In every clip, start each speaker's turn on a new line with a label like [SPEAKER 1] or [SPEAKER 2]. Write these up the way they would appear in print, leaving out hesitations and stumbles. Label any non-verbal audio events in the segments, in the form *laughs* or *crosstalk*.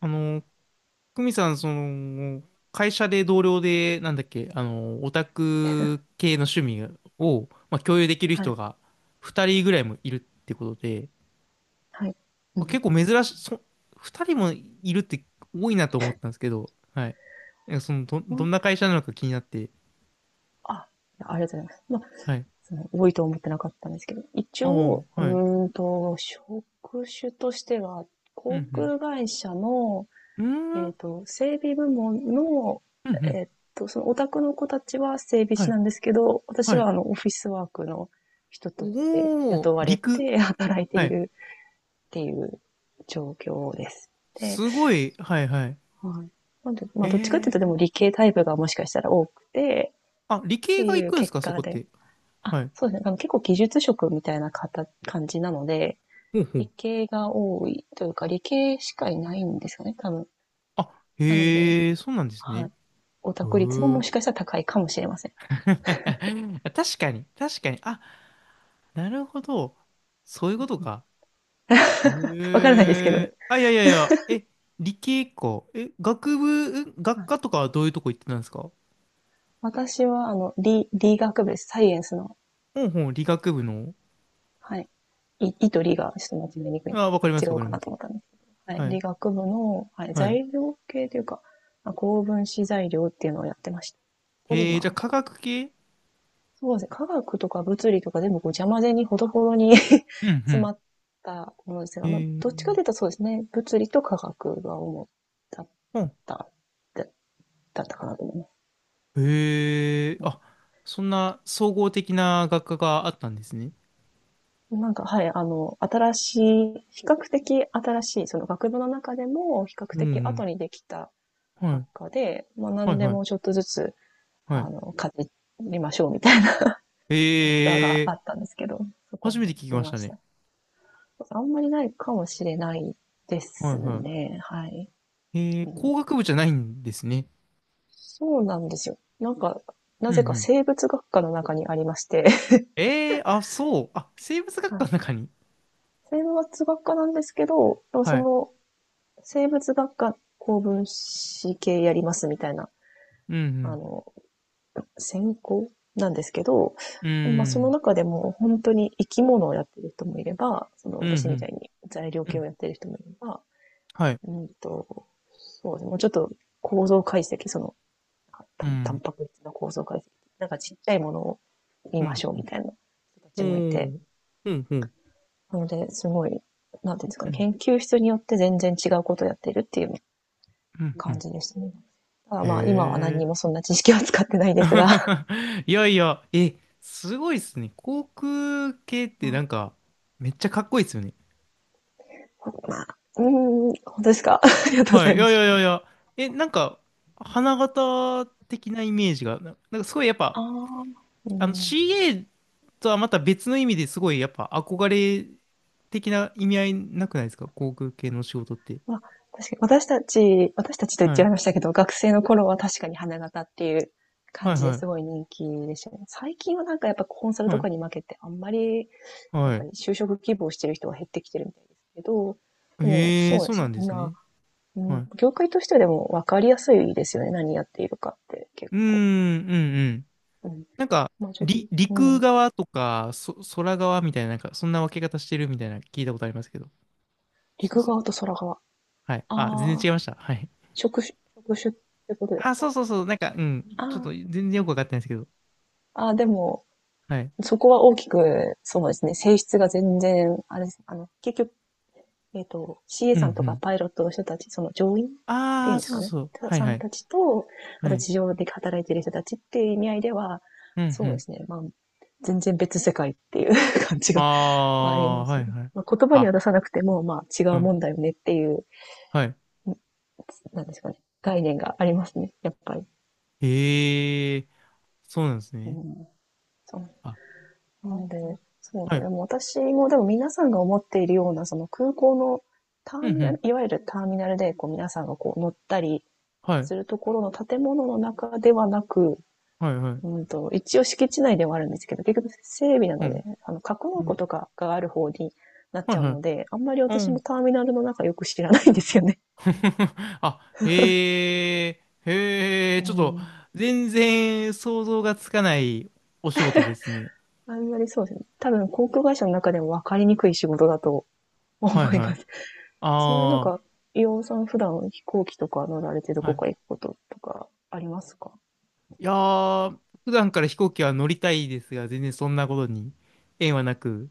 [SPEAKER 1] あの、久美さん、会社で同僚で、なんだっけ、オタク系の趣味を、まあ、共有できる
[SPEAKER 2] は
[SPEAKER 1] 人
[SPEAKER 2] い、
[SPEAKER 1] が2人ぐらいもいるってことで、
[SPEAKER 2] はい。う
[SPEAKER 1] まあ
[SPEAKER 2] ん。
[SPEAKER 1] 結構珍しい、2人もいるって多いなと思ったんですけど、はい。
[SPEAKER 2] ほ
[SPEAKER 1] ど
[SPEAKER 2] ん
[SPEAKER 1] んな会社なのか気になって、
[SPEAKER 2] あ、ありがとうございます。
[SPEAKER 1] はい。
[SPEAKER 2] 多いと思ってなかったんですけど、一
[SPEAKER 1] あ
[SPEAKER 2] 応、
[SPEAKER 1] あ、はい。
[SPEAKER 2] 職種としては、
[SPEAKER 1] う
[SPEAKER 2] 航
[SPEAKER 1] ん、
[SPEAKER 2] 空会社の、
[SPEAKER 1] うん。うーん、うん、
[SPEAKER 2] 整備部門の、
[SPEAKER 1] うん。
[SPEAKER 2] えっそのオタクの子たちは整備
[SPEAKER 1] は
[SPEAKER 2] 士な
[SPEAKER 1] い、
[SPEAKER 2] んですけど、私
[SPEAKER 1] は
[SPEAKER 2] は
[SPEAKER 1] い。
[SPEAKER 2] オフィスワークの人として
[SPEAKER 1] おー、
[SPEAKER 2] 雇われ
[SPEAKER 1] 陸。
[SPEAKER 2] て *laughs* 働いて
[SPEAKER 1] は
[SPEAKER 2] い
[SPEAKER 1] い。
[SPEAKER 2] るっていう状況です。で、
[SPEAKER 1] すごい、はい、はい。
[SPEAKER 2] はい。なんで、ま
[SPEAKER 1] え
[SPEAKER 2] あ、どっちかっていう
[SPEAKER 1] ー。
[SPEAKER 2] と、でも理系タイプがもしかしたら多くて、
[SPEAKER 1] あ、理
[SPEAKER 2] っ
[SPEAKER 1] 系
[SPEAKER 2] て
[SPEAKER 1] が行
[SPEAKER 2] いう
[SPEAKER 1] くんです
[SPEAKER 2] 結
[SPEAKER 1] か、そ
[SPEAKER 2] 果
[SPEAKER 1] こっ
[SPEAKER 2] で、
[SPEAKER 1] て？
[SPEAKER 2] あ、
[SPEAKER 1] はい。
[SPEAKER 2] そうですね。あの、結構技術職みたいな方感じなので、
[SPEAKER 1] ほうほ
[SPEAKER 2] 理
[SPEAKER 1] う。
[SPEAKER 2] 系が多いというか、理系しかいないんですよね、多分。
[SPEAKER 1] あ、
[SPEAKER 2] なので、
[SPEAKER 1] へえ、そうなんです
[SPEAKER 2] は
[SPEAKER 1] ね。
[SPEAKER 2] い。オ
[SPEAKER 1] へ
[SPEAKER 2] タク率もも
[SPEAKER 1] え。
[SPEAKER 2] しかしたら高いかもしれません。
[SPEAKER 1] *laughs* 確かに、確かに。あ、なるほど。そういう
[SPEAKER 2] う
[SPEAKER 1] こと
[SPEAKER 2] ん。
[SPEAKER 1] か。
[SPEAKER 2] わ
[SPEAKER 1] へ
[SPEAKER 2] からないですけどね。
[SPEAKER 1] え。あ、いやいやいや。え、理系か。え、学部、
[SPEAKER 2] は
[SPEAKER 1] 学
[SPEAKER 2] い。
[SPEAKER 1] 科とかはどういうとこ行ってたんですか？
[SPEAKER 2] 私は、あの、理学部です。サイエンスの、
[SPEAKER 1] ほんほん、理学部の。
[SPEAKER 2] はい。い、いと理がちょっと間違いにくい、
[SPEAKER 1] あ、わか
[SPEAKER 2] 間
[SPEAKER 1] りま
[SPEAKER 2] 違
[SPEAKER 1] す、わ
[SPEAKER 2] う
[SPEAKER 1] かり
[SPEAKER 2] か
[SPEAKER 1] ま
[SPEAKER 2] な
[SPEAKER 1] す。
[SPEAKER 2] と思ったんですけど。はい。
[SPEAKER 1] はい、
[SPEAKER 2] 理学部の、はい、
[SPEAKER 1] はい。
[SPEAKER 2] 材料系というか、まあ、高分子材料っていうのをやってました。ポリマ
[SPEAKER 1] じゃあ
[SPEAKER 2] ーと
[SPEAKER 1] 科
[SPEAKER 2] か。
[SPEAKER 1] 学系。
[SPEAKER 2] そうですね。科学とか物理とか全部こう邪魔ぜにほどほどに
[SPEAKER 1] う
[SPEAKER 2] *laughs*
[SPEAKER 1] ん
[SPEAKER 2] 詰
[SPEAKER 1] う
[SPEAKER 2] まったものです
[SPEAKER 1] ん。
[SPEAKER 2] が、まあ、どっちかというとそうですね。物理と科学が主だっ
[SPEAKER 1] ほん。
[SPEAKER 2] た、だだったかなと思います。うん。
[SPEAKER 1] へえ。あ、そんな総合的な学科があったんですね。
[SPEAKER 2] なんか、はい、あの、新しい、比較的新しい、その学部の中でも比較
[SPEAKER 1] うんう
[SPEAKER 2] 的後
[SPEAKER 1] ん。
[SPEAKER 2] にできた
[SPEAKER 1] は
[SPEAKER 2] 学
[SPEAKER 1] い
[SPEAKER 2] 科で、まあ
[SPEAKER 1] はい
[SPEAKER 2] 何で
[SPEAKER 1] は
[SPEAKER 2] もちょ
[SPEAKER 1] い。
[SPEAKER 2] っとずつ、
[SPEAKER 1] は
[SPEAKER 2] あ
[SPEAKER 1] い。
[SPEAKER 2] の、かじりましょうみたいな学科が
[SPEAKER 1] え
[SPEAKER 2] あ
[SPEAKER 1] えー、
[SPEAKER 2] ったんですけど、そこ
[SPEAKER 1] 初
[SPEAKER 2] に
[SPEAKER 1] めて聞き
[SPEAKER 2] い
[SPEAKER 1] まし
[SPEAKER 2] ま
[SPEAKER 1] た
[SPEAKER 2] し
[SPEAKER 1] ね。
[SPEAKER 2] た。あんまりないかもしれないで
[SPEAKER 1] はい
[SPEAKER 2] す
[SPEAKER 1] は
[SPEAKER 2] ね。はい。
[SPEAKER 1] い。ええ
[SPEAKER 2] う
[SPEAKER 1] ー、
[SPEAKER 2] ん、
[SPEAKER 1] 工学部じゃないんですね。
[SPEAKER 2] そうなんですよ。なんか、な
[SPEAKER 1] うんう
[SPEAKER 2] ぜか
[SPEAKER 1] ん。
[SPEAKER 2] 生物学科の中にありまして、*laughs*
[SPEAKER 1] ええー、あ、そう。あ、生物学
[SPEAKER 2] は
[SPEAKER 1] 科
[SPEAKER 2] い。
[SPEAKER 1] の中に。
[SPEAKER 2] 生物学科なんですけど、でもそ
[SPEAKER 1] はい。
[SPEAKER 2] の、生物学科高分子系やりますみたいな、
[SPEAKER 1] う
[SPEAKER 2] あ
[SPEAKER 1] ん
[SPEAKER 2] の、専攻なんですけど、
[SPEAKER 1] うん。
[SPEAKER 2] まあ
[SPEAKER 1] う
[SPEAKER 2] その
[SPEAKER 1] ん。
[SPEAKER 2] 中でも本当に生き物をやってる人もいれば、その
[SPEAKER 1] うん
[SPEAKER 2] 私
[SPEAKER 1] う
[SPEAKER 2] みた
[SPEAKER 1] ん。
[SPEAKER 2] いに材料
[SPEAKER 1] う
[SPEAKER 2] 系を
[SPEAKER 1] ん。
[SPEAKER 2] やってる人もいれば、
[SPEAKER 1] はい。
[SPEAKER 2] うんと、そうですね、もうちょっと構造解析、その
[SPEAKER 1] う
[SPEAKER 2] タ
[SPEAKER 1] ん。
[SPEAKER 2] ンパク質の構造解析、なんかちっちゃいものを見
[SPEAKER 1] う
[SPEAKER 2] ま
[SPEAKER 1] ん。
[SPEAKER 2] しょうみたいな人た
[SPEAKER 1] お
[SPEAKER 2] ちもいて、
[SPEAKER 1] ー。うんうん。
[SPEAKER 2] なので、すごい、なんていうんですか
[SPEAKER 1] う
[SPEAKER 2] ね、
[SPEAKER 1] ん。
[SPEAKER 2] 研究室によって全然違うことをやっているっていう
[SPEAKER 1] うんう
[SPEAKER 2] 感
[SPEAKER 1] ん。
[SPEAKER 2] じでしたね。ただ
[SPEAKER 1] へ
[SPEAKER 2] まあ、今は何に
[SPEAKER 1] え。
[SPEAKER 2] もそんな知識は使ってないですが、
[SPEAKER 1] *laughs* いやいや、え、すごいっすね。航空系っ
[SPEAKER 2] *laughs*
[SPEAKER 1] て
[SPEAKER 2] ま
[SPEAKER 1] な
[SPEAKER 2] あ、
[SPEAKER 1] んか、めっちゃかっこいいっすよね。
[SPEAKER 2] まあ、うーん、本当ですか？ *laughs* ありがとうご
[SPEAKER 1] は
[SPEAKER 2] ざ
[SPEAKER 1] い。い
[SPEAKER 2] いま
[SPEAKER 1] やいや
[SPEAKER 2] す。
[SPEAKER 1] いやいや。え、なんか、花形的なイメージが、なんかすごいやっ
[SPEAKER 2] あ
[SPEAKER 1] ぱ、
[SPEAKER 2] あ、うん。
[SPEAKER 1] CA とはまた別の意味ですごいやっぱ憧れ的な意味合いなくないですか、航空系の仕事って？
[SPEAKER 2] まあ、確かに私たちと言っ
[SPEAKER 1] は
[SPEAKER 2] ちゃ
[SPEAKER 1] い。
[SPEAKER 2] いましたけど、学生の頃は確かに花形っていう
[SPEAKER 1] は
[SPEAKER 2] 感
[SPEAKER 1] い
[SPEAKER 2] じで
[SPEAKER 1] は
[SPEAKER 2] す
[SPEAKER 1] い。
[SPEAKER 2] ごい人気でしたね。最近はなんかやっぱコンサル
[SPEAKER 1] は
[SPEAKER 2] と
[SPEAKER 1] い。
[SPEAKER 2] かに負けて、あんまりやっ
[SPEAKER 1] は
[SPEAKER 2] ぱ
[SPEAKER 1] い。
[SPEAKER 2] り就職希望してる人は減ってきてるみたいですけど、でも
[SPEAKER 1] ええ、
[SPEAKER 2] そうで
[SPEAKER 1] そう
[SPEAKER 2] す
[SPEAKER 1] なん
[SPEAKER 2] ね、
[SPEAKER 1] です
[SPEAKER 2] 今、
[SPEAKER 1] ね。
[SPEAKER 2] う
[SPEAKER 1] は
[SPEAKER 2] ん、
[SPEAKER 1] い。う
[SPEAKER 2] 業界としてでも分かりやすいですよね、何やっているかって結
[SPEAKER 1] ーん、う
[SPEAKER 2] 構。
[SPEAKER 1] んうん。
[SPEAKER 2] うん。
[SPEAKER 1] なんか、
[SPEAKER 2] まあ、ちょっと、う
[SPEAKER 1] 陸
[SPEAKER 2] ん、
[SPEAKER 1] 側とか、空側みたいな、なんか、そんな分け方してるみたいな聞いたことありますけど。そう
[SPEAKER 2] 陸
[SPEAKER 1] そ
[SPEAKER 2] 側と
[SPEAKER 1] う。
[SPEAKER 2] 空側。あ
[SPEAKER 1] はい。あ、全然
[SPEAKER 2] あ、
[SPEAKER 1] 違いました。はい。
[SPEAKER 2] 職種ってことです
[SPEAKER 1] あ、そ
[SPEAKER 2] か？
[SPEAKER 1] うそうそう、なんか、うん、ちょっ
[SPEAKER 2] あ
[SPEAKER 1] と全然よくわかってないですけど。
[SPEAKER 2] あ、ああ、でも
[SPEAKER 1] はい。
[SPEAKER 2] そこは大きく、そうですね、性質が全然、あれです、あの、結局、CA
[SPEAKER 1] うんう
[SPEAKER 2] さんとか
[SPEAKER 1] ん。
[SPEAKER 2] パイロットの人たち、その乗員ってい
[SPEAKER 1] あ
[SPEAKER 2] うん
[SPEAKER 1] あ、
[SPEAKER 2] です
[SPEAKER 1] そ
[SPEAKER 2] か
[SPEAKER 1] う
[SPEAKER 2] ね、
[SPEAKER 1] そうそう。はい
[SPEAKER 2] さ
[SPEAKER 1] は
[SPEAKER 2] ん
[SPEAKER 1] い。
[SPEAKER 2] たちと、あ
[SPEAKER 1] は
[SPEAKER 2] と
[SPEAKER 1] い。
[SPEAKER 2] 地上で働いてる人たちっていう意味合いでは、
[SPEAKER 1] うんう
[SPEAKER 2] そうで
[SPEAKER 1] ん。
[SPEAKER 2] すね、まあ、全然別世界っていう *laughs* 感じ
[SPEAKER 1] あ
[SPEAKER 2] があり
[SPEAKER 1] あ、
[SPEAKER 2] ます
[SPEAKER 1] は
[SPEAKER 2] ね。
[SPEAKER 1] いはい。
[SPEAKER 2] まあ、言葉には出
[SPEAKER 1] あ、
[SPEAKER 2] さなくても、まあ、違
[SPEAKER 1] う
[SPEAKER 2] う
[SPEAKER 1] ん。
[SPEAKER 2] もんだよねっていう、
[SPEAKER 1] はい。
[SPEAKER 2] なんですかね、概念がありますね、やっぱり。
[SPEAKER 1] へえ、そうなんです
[SPEAKER 2] う
[SPEAKER 1] ね。
[SPEAKER 2] ん、そ
[SPEAKER 1] あ、
[SPEAKER 2] う。な
[SPEAKER 1] あ
[SPEAKER 2] ので、そうです
[SPEAKER 1] は
[SPEAKER 2] ね。
[SPEAKER 1] い。
[SPEAKER 2] でも私も、でも皆さんが思っているような、その空港のタ
[SPEAKER 1] うん
[SPEAKER 2] ー
[SPEAKER 1] う
[SPEAKER 2] ミナル、
[SPEAKER 1] ん。
[SPEAKER 2] いわゆるターミナルで、こう皆さんがこう乗ったり
[SPEAKER 1] はい。
[SPEAKER 2] するところの建物の中ではなく、
[SPEAKER 1] はいはい。
[SPEAKER 2] うんと、一応敷地内ではあるんですけど、結局整備な
[SPEAKER 1] う
[SPEAKER 2] ので、
[SPEAKER 1] ん。
[SPEAKER 2] あの、格納
[SPEAKER 1] う
[SPEAKER 2] 庫
[SPEAKER 1] ん、
[SPEAKER 2] とかがある方になっ
[SPEAKER 1] は
[SPEAKER 2] ち
[SPEAKER 1] い
[SPEAKER 2] ゃう
[SPEAKER 1] はい。
[SPEAKER 2] ので、あんまり
[SPEAKER 1] う
[SPEAKER 2] 私も
[SPEAKER 1] ん。
[SPEAKER 2] ターミナルの中よく知らないんですよね。
[SPEAKER 1] *laughs* あ、へえ、へえ、
[SPEAKER 2] う
[SPEAKER 1] ちょっと、
[SPEAKER 2] ん。
[SPEAKER 1] 全然想像がつかないお仕事ですね。
[SPEAKER 2] あんまりそうですね。多分航空会社の中でも分かりにくい仕事だと思
[SPEAKER 1] はい
[SPEAKER 2] い
[SPEAKER 1] は
[SPEAKER 2] ま
[SPEAKER 1] い。
[SPEAKER 2] す。ちなみになん
[SPEAKER 1] あ
[SPEAKER 2] か、伊オンさん普段飛行機とか乗られてど
[SPEAKER 1] あ、は
[SPEAKER 2] こか行
[SPEAKER 1] い。
[SPEAKER 2] くこととかありますか？
[SPEAKER 1] いやー、普段から飛行機は乗りたいですが、全然そんなことに縁はなく、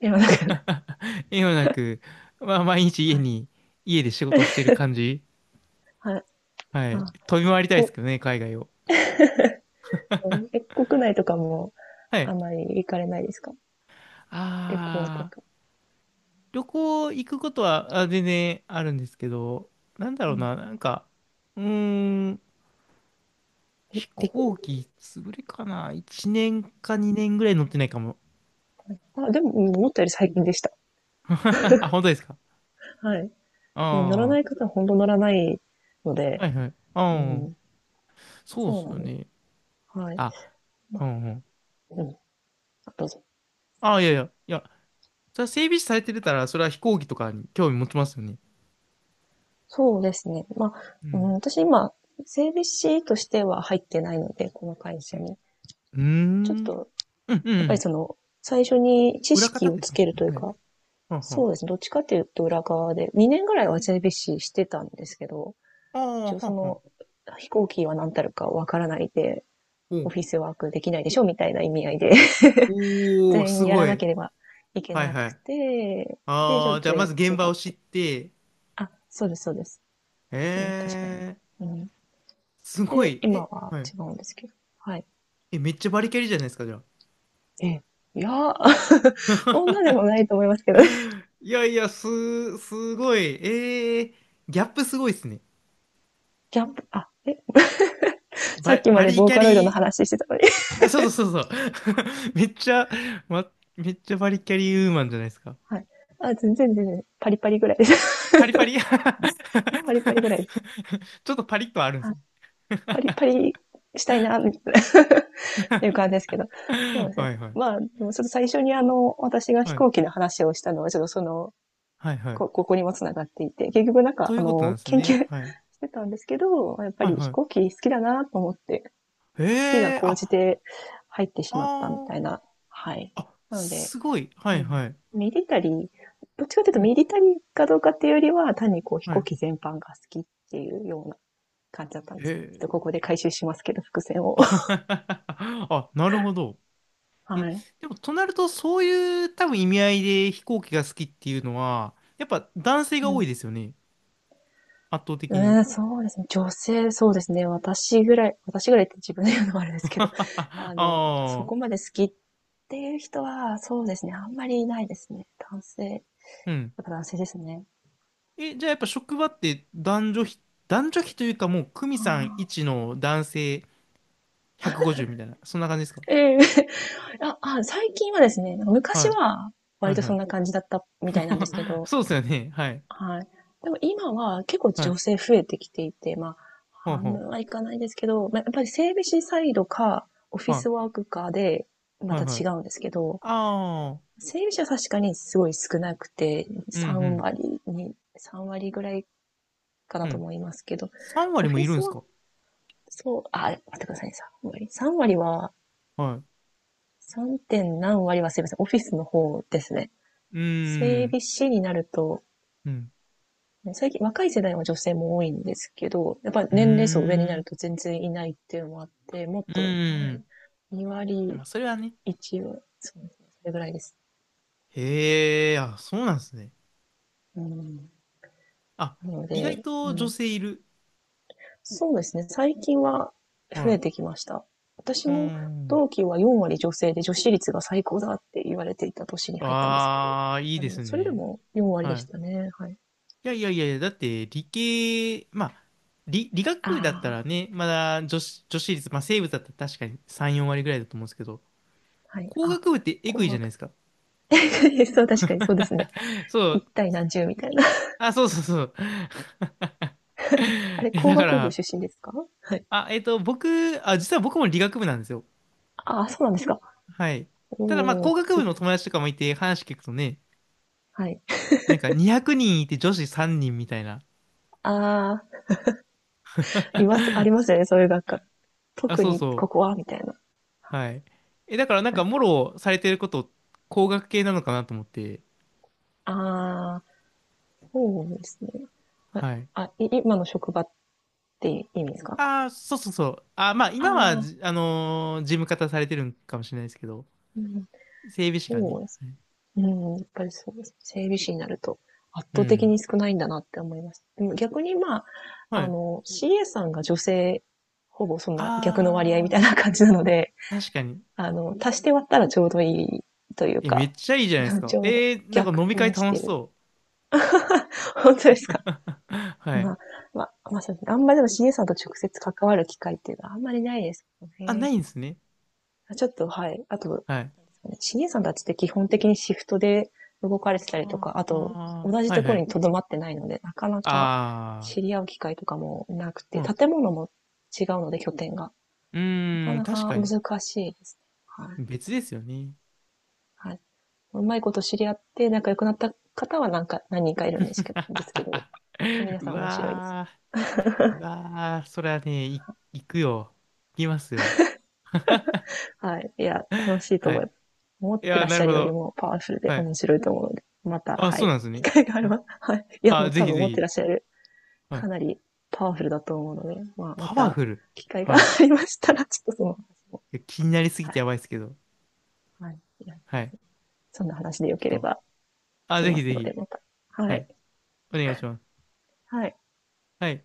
[SPEAKER 2] いや、なんか、
[SPEAKER 1] *laughs* 縁はなく、まあ毎日
[SPEAKER 2] はい。
[SPEAKER 1] 家で仕事してる感じ。
[SPEAKER 2] はい。
[SPEAKER 1] は
[SPEAKER 2] あ、
[SPEAKER 1] い。飛び回りたいです
[SPEAKER 2] こ
[SPEAKER 1] けどね、海外を。
[SPEAKER 2] 国内とかも
[SPEAKER 1] は
[SPEAKER 2] あ
[SPEAKER 1] い。
[SPEAKER 2] んまり行かれないですか？旅行と
[SPEAKER 1] あー、
[SPEAKER 2] か。
[SPEAKER 1] 旅行行くことはあ全然あるんですけど、なんだ
[SPEAKER 2] う
[SPEAKER 1] ろう
[SPEAKER 2] ん。
[SPEAKER 1] な、なんか、うーん、
[SPEAKER 2] え
[SPEAKER 1] 飛
[SPEAKER 2] 陸
[SPEAKER 1] 行機潰れかな？ 1 年か2年ぐらい乗ってないかも。
[SPEAKER 2] あ、でも、思ったより最近でした。
[SPEAKER 1] *laughs* あ、本当ですか？
[SPEAKER 2] はい。で乗ら
[SPEAKER 1] あ
[SPEAKER 2] ない方は本当乗らないの
[SPEAKER 1] あ
[SPEAKER 2] で、
[SPEAKER 1] ー、はいはい。
[SPEAKER 2] う
[SPEAKER 1] ああ、
[SPEAKER 2] ん。
[SPEAKER 1] そうっ
[SPEAKER 2] そう
[SPEAKER 1] す
[SPEAKER 2] なん
[SPEAKER 1] よ
[SPEAKER 2] です。
[SPEAKER 1] ね。
[SPEAKER 2] はい。
[SPEAKER 1] あ、
[SPEAKER 2] ま
[SPEAKER 1] う
[SPEAKER 2] あ、
[SPEAKER 1] んうん。
[SPEAKER 2] うん。あどうぞ。
[SPEAKER 1] あ、いやいや、いや、それは整備士されてたら、それは飛行機とかに興味持ちますよね。
[SPEAKER 2] そうですね。まあ、
[SPEAKER 1] う
[SPEAKER 2] うん、
[SPEAKER 1] ん。
[SPEAKER 2] 私今、整備士としては入ってないので、この会
[SPEAKER 1] う
[SPEAKER 2] 社
[SPEAKER 1] ん。
[SPEAKER 2] に。
[SPEAKER 1] うー
[SPEAKER 2] ちょっ
[SPEAKER 1] ん。
[SPEAKER 2] と
[SPEAKER 1] うんうん
[SPEAKER 2] やっ
[SPEAKER 1] う
[SPEAKER 2] ぱり
[SPEAKER 1] ん。
[SPEAKER 2] その、最初に知
[SPEAKER 1] 裏
[SPEAKER 2] 識
[SPEAKER 1] 方っ
[SPEAKER 2] を
[SPEAKER 1] て言って
[SPEAKER 2] つ
[SPEAKER 1] ま
[SPEAKER 2] け
[SPEAKER 1] し
[SPEAKER 2] るという
[SPEAKER 1] た。はい。
[SPEAKER 2] か、
[SPEAKER 1] はんは
[SPEAKER 2] そ
[SPEAKER 1] ん。
[SPEAKER 2] うですね。どっちかっていうと裏側で、2年ぐらいは JBC してたんですけど、
[SPEAKER 1] あ
[SPEAKER 2] 一
[SPEAKER 1] あ、
[SPEAKER 2] 応
[SPEAKER 1] は
[SPEAKER 2] そ
[SPEAKER 1] んはん。
[SPEAKER 2] の、飛行機は何たるかわからないで、
[SPEAKER 1] お
[SPEAKER 2] オ
[SPEAKER 1] う
[SPEAKER 2] フィスワークできないでしょみたいな意味合いで *laughs*
[SPEAKER 1] おー、
[SPEAKER 2] 全
[SPEAKER 1] す
[SPEAKER 2] 員や
[SPEAKER 1] ご
[SPEAKER 2] らな
[SPEAKER 1] い。
[SPEAKER 2] ければいけ
[SPEAKER 1] はい
[SPEAKER 2] なく
[SPEAKER 1] はい。
[SPEAKER 2] て、で、ち
[SPEAKER 1] あ
[SPEAKER 2] ょっ
[SPEAKER 1] あ、じゃあ
[SPEAKER 2] と
[SPEAKER 1] ま
[SPEAKER 2] やっ
[SPEAKER 1] ず現
[SPEAKER 2] て
[SPEAKER 1] 場
[SPEAKER 2] た
[SPEAKER 1] を
[SPEAKER 2] っ
[SPEAKER 1] 知っ
[SPEAKER 2] て。
[SPEAKER 1] て。
[SPEAKER 2] あ、そうです。うん、
[SPEAKER 1] え
[SPEAKER 2] 確かに。
[SPEAKER 1] えー、
[SPEAKER 2] うん。
[SPEAKER 1] すご
[SPEAKER 2] で、
[SPEAKER 1] い。
[SPEAKER 2] 今
[SPEAKER 1] え、
[SPEAKER 2] は
[SPEAKER 1] はい。
[SPEAKER 2] 違うんですけど。はい。
[SPEAKER 1] え、めっちゃバリキャリじゃないですか、じゃ
[SPEAKER 2] え、いやー、*laughs* そんなでも
[SPEAKER 1] あ。
[SPEAKER 2] ないと思いますけどね。*laughs*
[SPEAKER 1] *laughs* いやいや、すごい。ええー、ギャップすごいですね。
[SPEAKER 2] キャンプ、あ、え、さっきま
[SPEAKER 1] バ
[SPEAKER 2] で
[SPEAKER 1] リ
[SPEAKER 2] ボー
[SPEAKER 1] キャ
[SPEAKER 2] カロイドの
[SPEAKER 1] リ。
[SPEAKER 2] 話してたのに。*laughs*
[SPEAKER 1] あ、そうそうそうそう。*laughs* めっちゃ、ま、めっちゃバリキャリーウーマンじゃないですか。
[SPEAKER 2] はい。あ、全然、パリパリぐらいです。
[SPEAKER 1] パリパリ。 *laughs* ち
[SPEAKER 2] *laughs* パリパリぐらいです。
[SPEAKER 1] ょっとパリッとはあるんです
[SPEAKER 2] あ、
[SPEAKER 1] ね。
[SPEAKER 2] パリパリしたいな、みたいな *laughs* っていう感じですけど。そう
[SPEAKER 1] *laughs*
[SPEAKER 2] です
[SPEAKER 1] は
[SPEAKER 2] ね。
[SPEAKER 1] いはい。
[SPEAKER 2] まあ、でもちょっと最初にあの、私が飛
[SPEAKER 1] はい。
[SPEAKER 2] 行機の話をしたのは、ちょっとその、
[SPEAKER 1] はいはい。
[SPEAKER 2] ここにも繋がっていて、結局なんか、
[SPEAKER 1] とい
[SPEAKER 2] あ
[SPEAKER 1] うことなん
[SPEAKER 2] の、
[SPEAKER 1] です
[SPEAKER 2] 研究
[SPEAKER 1] ね。
[SPEAKER 2] し
[SPEAKER 1] はい。
[SPEAKER 2] てたんですけど、やっぱ
[SPEAKER 1] はい
[SPEAKER 2] り飛
[SPEAKER 1] は
[SPEAKER 2] 行機好きだなと思って、
[SPEAKER 1] い。
[SPEAKER 2] 好きが
[SPEAKER 1] へえ、
[SPEAKER 2] 高じ
[SPEAKER 1] あ、
[SPEAKER 2] て入ってしまったみ
[SPEAKER 1] あー、
[SPEAKER 2] たいな、はい。
[SPEAKER 1] あ、
[SPEAKER 2] なので、
[SPEAKER 1] すごい。は
[SPEAKER 2] う
[SPEAKER 1] い
[SPEAKER 2] ん。
[SPEAKER 1] はい。
[SPEAKER 2] ミリタリー、どっちかという
[SPEAKER 1] う
[SPEAKER 2] と
[SPEAKER 1] ん。
[SPEAKER 2] ミリタリーかどうかっていうよりは、単にこう飛
[SPEAKER 1] は
[SPEAKER 2] 行
[SPEAKER 1] い。
[SPEAKER 2] 機全般が好きっていうような感じだったんで
[SPEAKER 1] へ
[SPEAKER 2] すね。ちょっとここ
[SPEAKER 1] え。
[SPEAKER 2] で回収しますけど、伏線を。*laughs*
[SPEAKER 1] *laughs* あ、なるほど。え、
[SPEAKER 2] はい。
[SPEAKER 1] でも、となると、そういう多分意味合いで飛行機が好きっていうのは、やっぱ男性が
[SPEAKER 2] う
[SPEAKER 1] 多い
[SPEAKER 2] ん。
[SPEAKER 1] ですよね。圧倒的に。
[SPEAKER 2] うん、そうですね。そうですね。私ぐらいって自分で言うのもあれですけど、
[SPEAKER 1] *laughs*
[SPEAKER 2] あ
[SPEAKER 1] あ
[SPEAKER 2] の、そ
[SPEAKER 1] あ、
[SPEAKER 2] こまで好きっていう人は、そうですね。あんまりいないですね。男性、やっ
[SPEAKER 1] うん。
[SPEAKER 2] ぱ男性ですね。
[SPEAKER 1] え、じゃあやっぱ職場って男女比というかもう、久美
[SPEAKER 2] あ
[SPEAKER 1] さん
[SPEAKER 2] あ。
[SPEAKER 1] 1の男性150みたいな、そんな感じですか？
[SPEAKER 2] ええ。 *laughs* あ、あ、最近はですね、なんか
[SPEAKER 1] は
[SPEAKER 2] 昔
[SPEAKER 1] い。
[SPEAKER 2] は
[SPEAKER 1] は
[SPEAKER 2] 割
[SPEAKER 1] い
[SPEAKER 2] と
[SPEAKER 1] は
[SPEAKER 2] そん
[SPEAKER 1] い。
[SPEAKER 2] な感じだったみたいなんですけ
[SPEAKER 1] *laughs*
[SPEAKER 2] ど、
[SPEAKER 1] そうですよね。はい。
[SPEAKER 2] はい。でも今は結構
[SPEAKER 1] は
[SPEAKER 2] 女
[SPEAKER 1] い。
[SPEAKER 2] 性増えてきていて、まあ、
[SPEAKER 1] ほう
[SPEAKER 2] 半
[SPEAKER 1] ほ
[SPEAKER 2] 分はいかないですけど、まあ、やっぱり整備士サイドか、オフ
[SPEAKER 1] う。
[SPEAKER 2] ィス
[SPEAKER 1] は
[SPEAKER 2] ワークかで、
[SPEAKER 1] い。
[SPEAKER 2] ま
[SPEAKER 1] はい
[SPEAKER 2] た
[SPEAKER 1] は
[SPEAKER 2] 違
[SPEAKER 1] い。
[SPEAKER 2] うんですけど、
[SPEAKER 1] ああ、
[SPEAKER 2] 整備士は確かにすごい少なくて、
[SPEAKER 1] うんうん。
[SPEAKER 2] 3割ぐらいかな
[SPEAKER 1] う
[SPEAKER 2] と
[SPEAKER 1] ん。
[SPEAKER 2] 思いますけど、
[SPEAKER 1] 3
[SPEAKER 2] オ
[SPEAKER 1] 割も
[SPEAKER 2] フィ
[SPEAKER 1] いるん
[SPEAKER 2] ス
[SPEAKER 1] です
[SPEAKER 2] は、
[SPEAKER 1] か？
[SPEAKER 2] そう、あ、待ってくださいね、3割。3割は、
[SPEAKER 1] はい。
[SPEAKER 2] 3. 点何割はすいません、オフィスの方ですね。
[SPEAKER 1] うー
[SPEAKER 2] 整
[SPEAKER 1] ん。
[SPEAKER 2] 備士になると、
[SPEAKER 1] うん。
[SPEAKER 2] ね最近、若い世代は女性も多いんですけど、やっぱり
[SPEAKER 1] う
[SPEAKER 2] 年齢層上にな
[SPEAKER 1] ー
[SPEAKER 2] る
[SPEAKER 1] ん。
[SPEAKER 2] と全然いないっていうのもあって、もっ
[SPEAKER 1] う
[SPEAKER 2] と、
[SPEAKER 1] ーん。
[SPEAKER 2] 2
[SPEAKER 1] ま
[SPEAKER 2] 割、
[SPEAKER 1] あ、それはね。
[SPEAKER 2] 1割、そうですね、それぐらいです。
[SPEAKER 1] へえ、あ、そうなんですね。
[SPEAKER 2] うん。
[SPEAKER 1] あ、
[SPEAKER 2] なの
[SPEAKER 1] 意
[SPEAKER 2] で、
[SPEAKER 1] 外と
[SPEAKER 2] う
[SPEAKER 1] 女
[SPEAKER 2] ん、
[SPEAKER 1] 性いる。
[SPEAKER 2] そうですね、最近は
[SPEAKER 1] は
[SPEAKER 2] 増え
[SPEAKER 1] い、
[SPEAKER 2] てきました。私
[SPEAKER 1] う
[SPEAKER 2] も
[SPEAKER 1] ん。
[SPEAKER 2] 同期は4割女性で女子率が最高だって言われていた年に入ったんですけど、
[SPEAKER 1] ああ、いい
[SPEAKER 2] あ
[SPEAKER 1] で
[SPEAKER 2] の、
[SPEAKER 1] す
[SPEAKER 2] それで
[SPEAKER 1] ね。
[SPEAKER 2] も4割で
[SPEAKER 1] は
[SPEAKER 2] し
[SPEAKER 1] い。
[SPEAKER 2] たね。はい。
[SPEAKER 1] いやいやいやいや、だって理系、まあ、理学
[SPEAKER 2] あ
[SPEAKER 1] 部だったらね、まだ女子率、まあ生物だったら確かに3、4割ぐらいだと思うんですけど、
[SPEAKER 2] あ、はい。
[SPEAKER 1] 工
[SPEAKER 2] あ、
[SPEAKER 1] 学部ってエグい
[SPEAKER 2] 紅
[SPEAKER 1] じゃない
[SPEAKER 2] 白。
[SPEAKER 1] ですか。
[SPEAKER 2] *laughs* そう、確かにそうですね。
[SPEAKER 1] *laughs* そ
[SPEAKER 2] 一
[SPEAKER 1] う。
[SPEAKER 2] 対何十みたい。
[SPEAKER 1] あ、そうそうそう。*laughs*
[SPEAKER 2] あれ、
[SPEAKER 1] いや、
[SPEAKER 2] 工
[SPEAKER 1] だか
[SPEAKER 2] 学部
[SPEAKER 1] ら、
[SPEAKER 2] 出身ですか？はい。
[SPEAKER 1] あ、実は僕も理学部なんですよ。
[SPEAKER 2] ああ、そうなんですか。
[SPEAKER 1] はい。ただ、まあ、
[SPEAKER 2] お
[SPEAKER 1] 工
[SPEAKER 2] ー、
[SPEAKER 1] 学
[SPEAKER 2] す
[SPEAKER 1] 部の
[SPEAKER 2] ごい。
[SPEAKER 1] 友達とかもいて話聞くとね、
[SPEAKER 2] はい。
[SPEAKER 1] なんか200人いて女子3人みたいな。
[SPEAKER 2] ああ、います、ありますよね。そういう学科。
[SPEAKER 1] あ、
[SPEAKER 2] 特
[SPEAKER 1] そう
[SPEAKER 2] にこ
[SPEAKER 1] そ
[SPEAKER 2] こ
[SPEAKER 1] う。
[SPEAKER 2] は、みたいな。
[SPEAKER 1] はい。え、だからなん
[SPEAKER 2] は
[SPEAKER 1] か、
[SPEAKER 2] い。
[SPEAKER 1] もろされてること、工学系なのかなと思って。
[SPEAKER 2] ああ、そうですね。あ、
[SPEAKER 1] はい。
[SPEAKER 2] あい今の職場って意味ですか、
[SPEAKER 1] ああ、そうそうそう。あー、まあ、今は
[SPEAKER 2] ああ
[SPEAKER 1] じ、あのー事務方されてるんかもしれないですけど、
[SPEAKER 2] ー、うん、
[SPEAKER 1] 整備士がね。
[SPEAKER 2] そうです。うん、やっぱりそうです。整備士になると圧
[SPEAKER 1] う
[SPEAKER 2] 倒的
[SPEAKER 1] ん。
[SPEAKER 2] に少ないんだなって思います。でも逆にまあ、
[SPEAKER 1] は
[SPEAKER 2] あ
[SPEAKER 1] い。
[SPEAKER 2] の、CA さんが女性、ほぼそんな逆の割合み
[SPEAKER 1] あ
[SPEAKER 2] たいな感じなので、
[SPEAKER 1] あ、確かに。
[SPEAKER 2] あの、足して割ったらちょうどいいという
[SPEAKER 1] え、めっ
[SPEAKER 2] か、
[SPEAKER 1] ちゃいいじゃないです
[SPEAKER 2] *laughs* ち
[SPEAKER 1] か。
[SPEAKER 2] ょうど
[SPEAKER 1] なんか
[SPEAKER 2] 逆
[SPEAKER 1] 飲み会
[SPEAKER 2] 転し
[SPEAKER 1] 楽
[SPEAKER 2] て
[SPEAKER 1] し
[SPEAKER 2] る。
[SPEAKER 1] そう。
[SPEAKER 2] *laughs* 本当ですか？
[SPEAKER 1] *laughs* は
[SPEAKER 2] ま
[SPEAKER 1] い。
[SPEAKER 2] あ、まあ、まあそうですね。あんまりでも CA さんと直接関わる機会っていうのはあんまりないですよ
[SPEAKER 1] あ、な
[SPEAKER 2] ね。
[SPEAKER 1] いんですね。
[SPEAKER 2] ちょっと、はい。あと、
[SPEAKER 1] はい。
[SPEAKER 2] CA さんたちって基本的にシフトで動かれてたりと
[SPEAKER 1] あ
[SPEAKER 2] か、あ
[SPEAKER 1] ー
[SPEAKER 2] と、
[SPEAKER 1] あ
[SPEAKER 2] 同
[SPEAKER 1] ー、
[SPEAKER 2] じ
[SPEAKER 1] は
[SPEAKER 2] と
[SPEAKER 1] いは
[SPEAKER 2] ころ
[SPEAKER 1] い。
[SPEAKER 2] に留まってないので、なかなか
[SPEAKER 1] あ
[SPEAKER 2] 知り合う機会とかもなく
[SPEAKER 1] あ、
[SPEAKER 2] て、
[SPEAKER 1] うん。
[SPEAKER 2] 建物も違うので、拠点が。
[SPEAKER 1] う
[SPEAKER 2] なか
[SPEAKER 1] ーん、
[SPEAKER 2] な
[SPEAKER 1] 確
[SPEAKER 2] か
[SPEAKER 1] かに。
[SPEAKER 2] 難しいですね。はい。
[SPEAKER 1] 別ですよね。
[SPEAKER 2] はい。うまいこと知り合って仲良くなった方はなんか何人かいるんですけど、ですけど
[SPEAKER 1] *laughs*
[SPEAKER 2] 皆
[SPEAKER 1] う
[SPEAKER 2] さん面白いです。
[SPEAKER 1] わー、うわー、それはね、行くよ。行きますよ。
[SPEAKER 2] はい。いや、楽し
[SPEAKER 1] *laughs*
[SPEAKER 2] いと
[SPEAKER 1] は
[SPEAKER 2] 思いま
[SPEAKER 1] い。
[SPEAKER 2] す。思っ
[SPEAKER 1] い
[SPEAKER 2] て
[SPEAKER 1] や
[SPEAKER 2] ら
[SPEAKER 1] ー、
[SPEAKER 2] っし
[SPEAKER 1] なる
[SPEAKER 2] ゃ
[SPEAKER 1] ほ
[SPEAKER 2] るより
[SPEAKER 1] ど。
[SPEAKER 2] もパワフルで
[SPEAKER 1] はい。
[SPEAKER 2] 面白いと思うので、また、
[SPEAKER 1] あ、
[SPEAKER 2] は
[SPEAKER 1] そう
[SPEAKER 2] い。
[SPEAKER 1] なんです
[SPEAKER 2] 機
[SPEAKER 1] ね。
[SPEAKER 2] 会があれ
[SPEAKER 1] はい、
[SPEAKER 2] ば、はい。いや、も
[SPEAKER 1] あ、
[SPEAKER 2] う
[SPEAKER 1] ぜ
[SPEAKER 2] 多
[SPEAKER 1] ひ
[SPEAKER 2] 分
[SPEAKER 1] ぜ
[SPEAKER 2] 思って
[SPEAKER 1] ひ。
[SPEAKER 2] らっしゃる、
[SPEAKER 1] は
[SPEAKER 2] か
[SPEAKER 1] い。
[SPEAKER 2] なりパワフルだと思うので、まあ、ま
[SPEAKER 1] パワ
[SPEAKER 2] た、
[SPEAKER 1] フル。
[SPEAKER 2] 機会があ
[SPEAKER 1] はい。い
[SPEAKER 2] りましたら、ちょっとその話も、
[SPEAKER 1] や、気になりすぎ
[SPEAKER 2] は
[SPEAKER 1] て
[SPEAKER 2] い。
[SPEAKER 1] やばいですけど。
[SPEAKER 2] はい。いや
[SPEAKER 1] はい。
[SPEAKER 2] そんな話でよ
[SPEAKER 1] ちょっ
[SPEAKER 2] けれ
[SPEAKER 1] と。
[SPEAKER 2] ば
[SPEAKER 1] あ、
[SPEAKER 2] し
[SPEAKER 1] ぜ
[SPEAKER 2] ま
[SPEAKER 1] ひぜ
[SPEAKER 2] すので、
[SPEAKER 1] ひ。
[SPEAKER 2] また。は
[SPEAKER 1] は
[SPEAKER 2] い。
[SPEAKER 1] い。お願いします。
[SPEAKER 2] はい。
[SPEAKER 1] はい。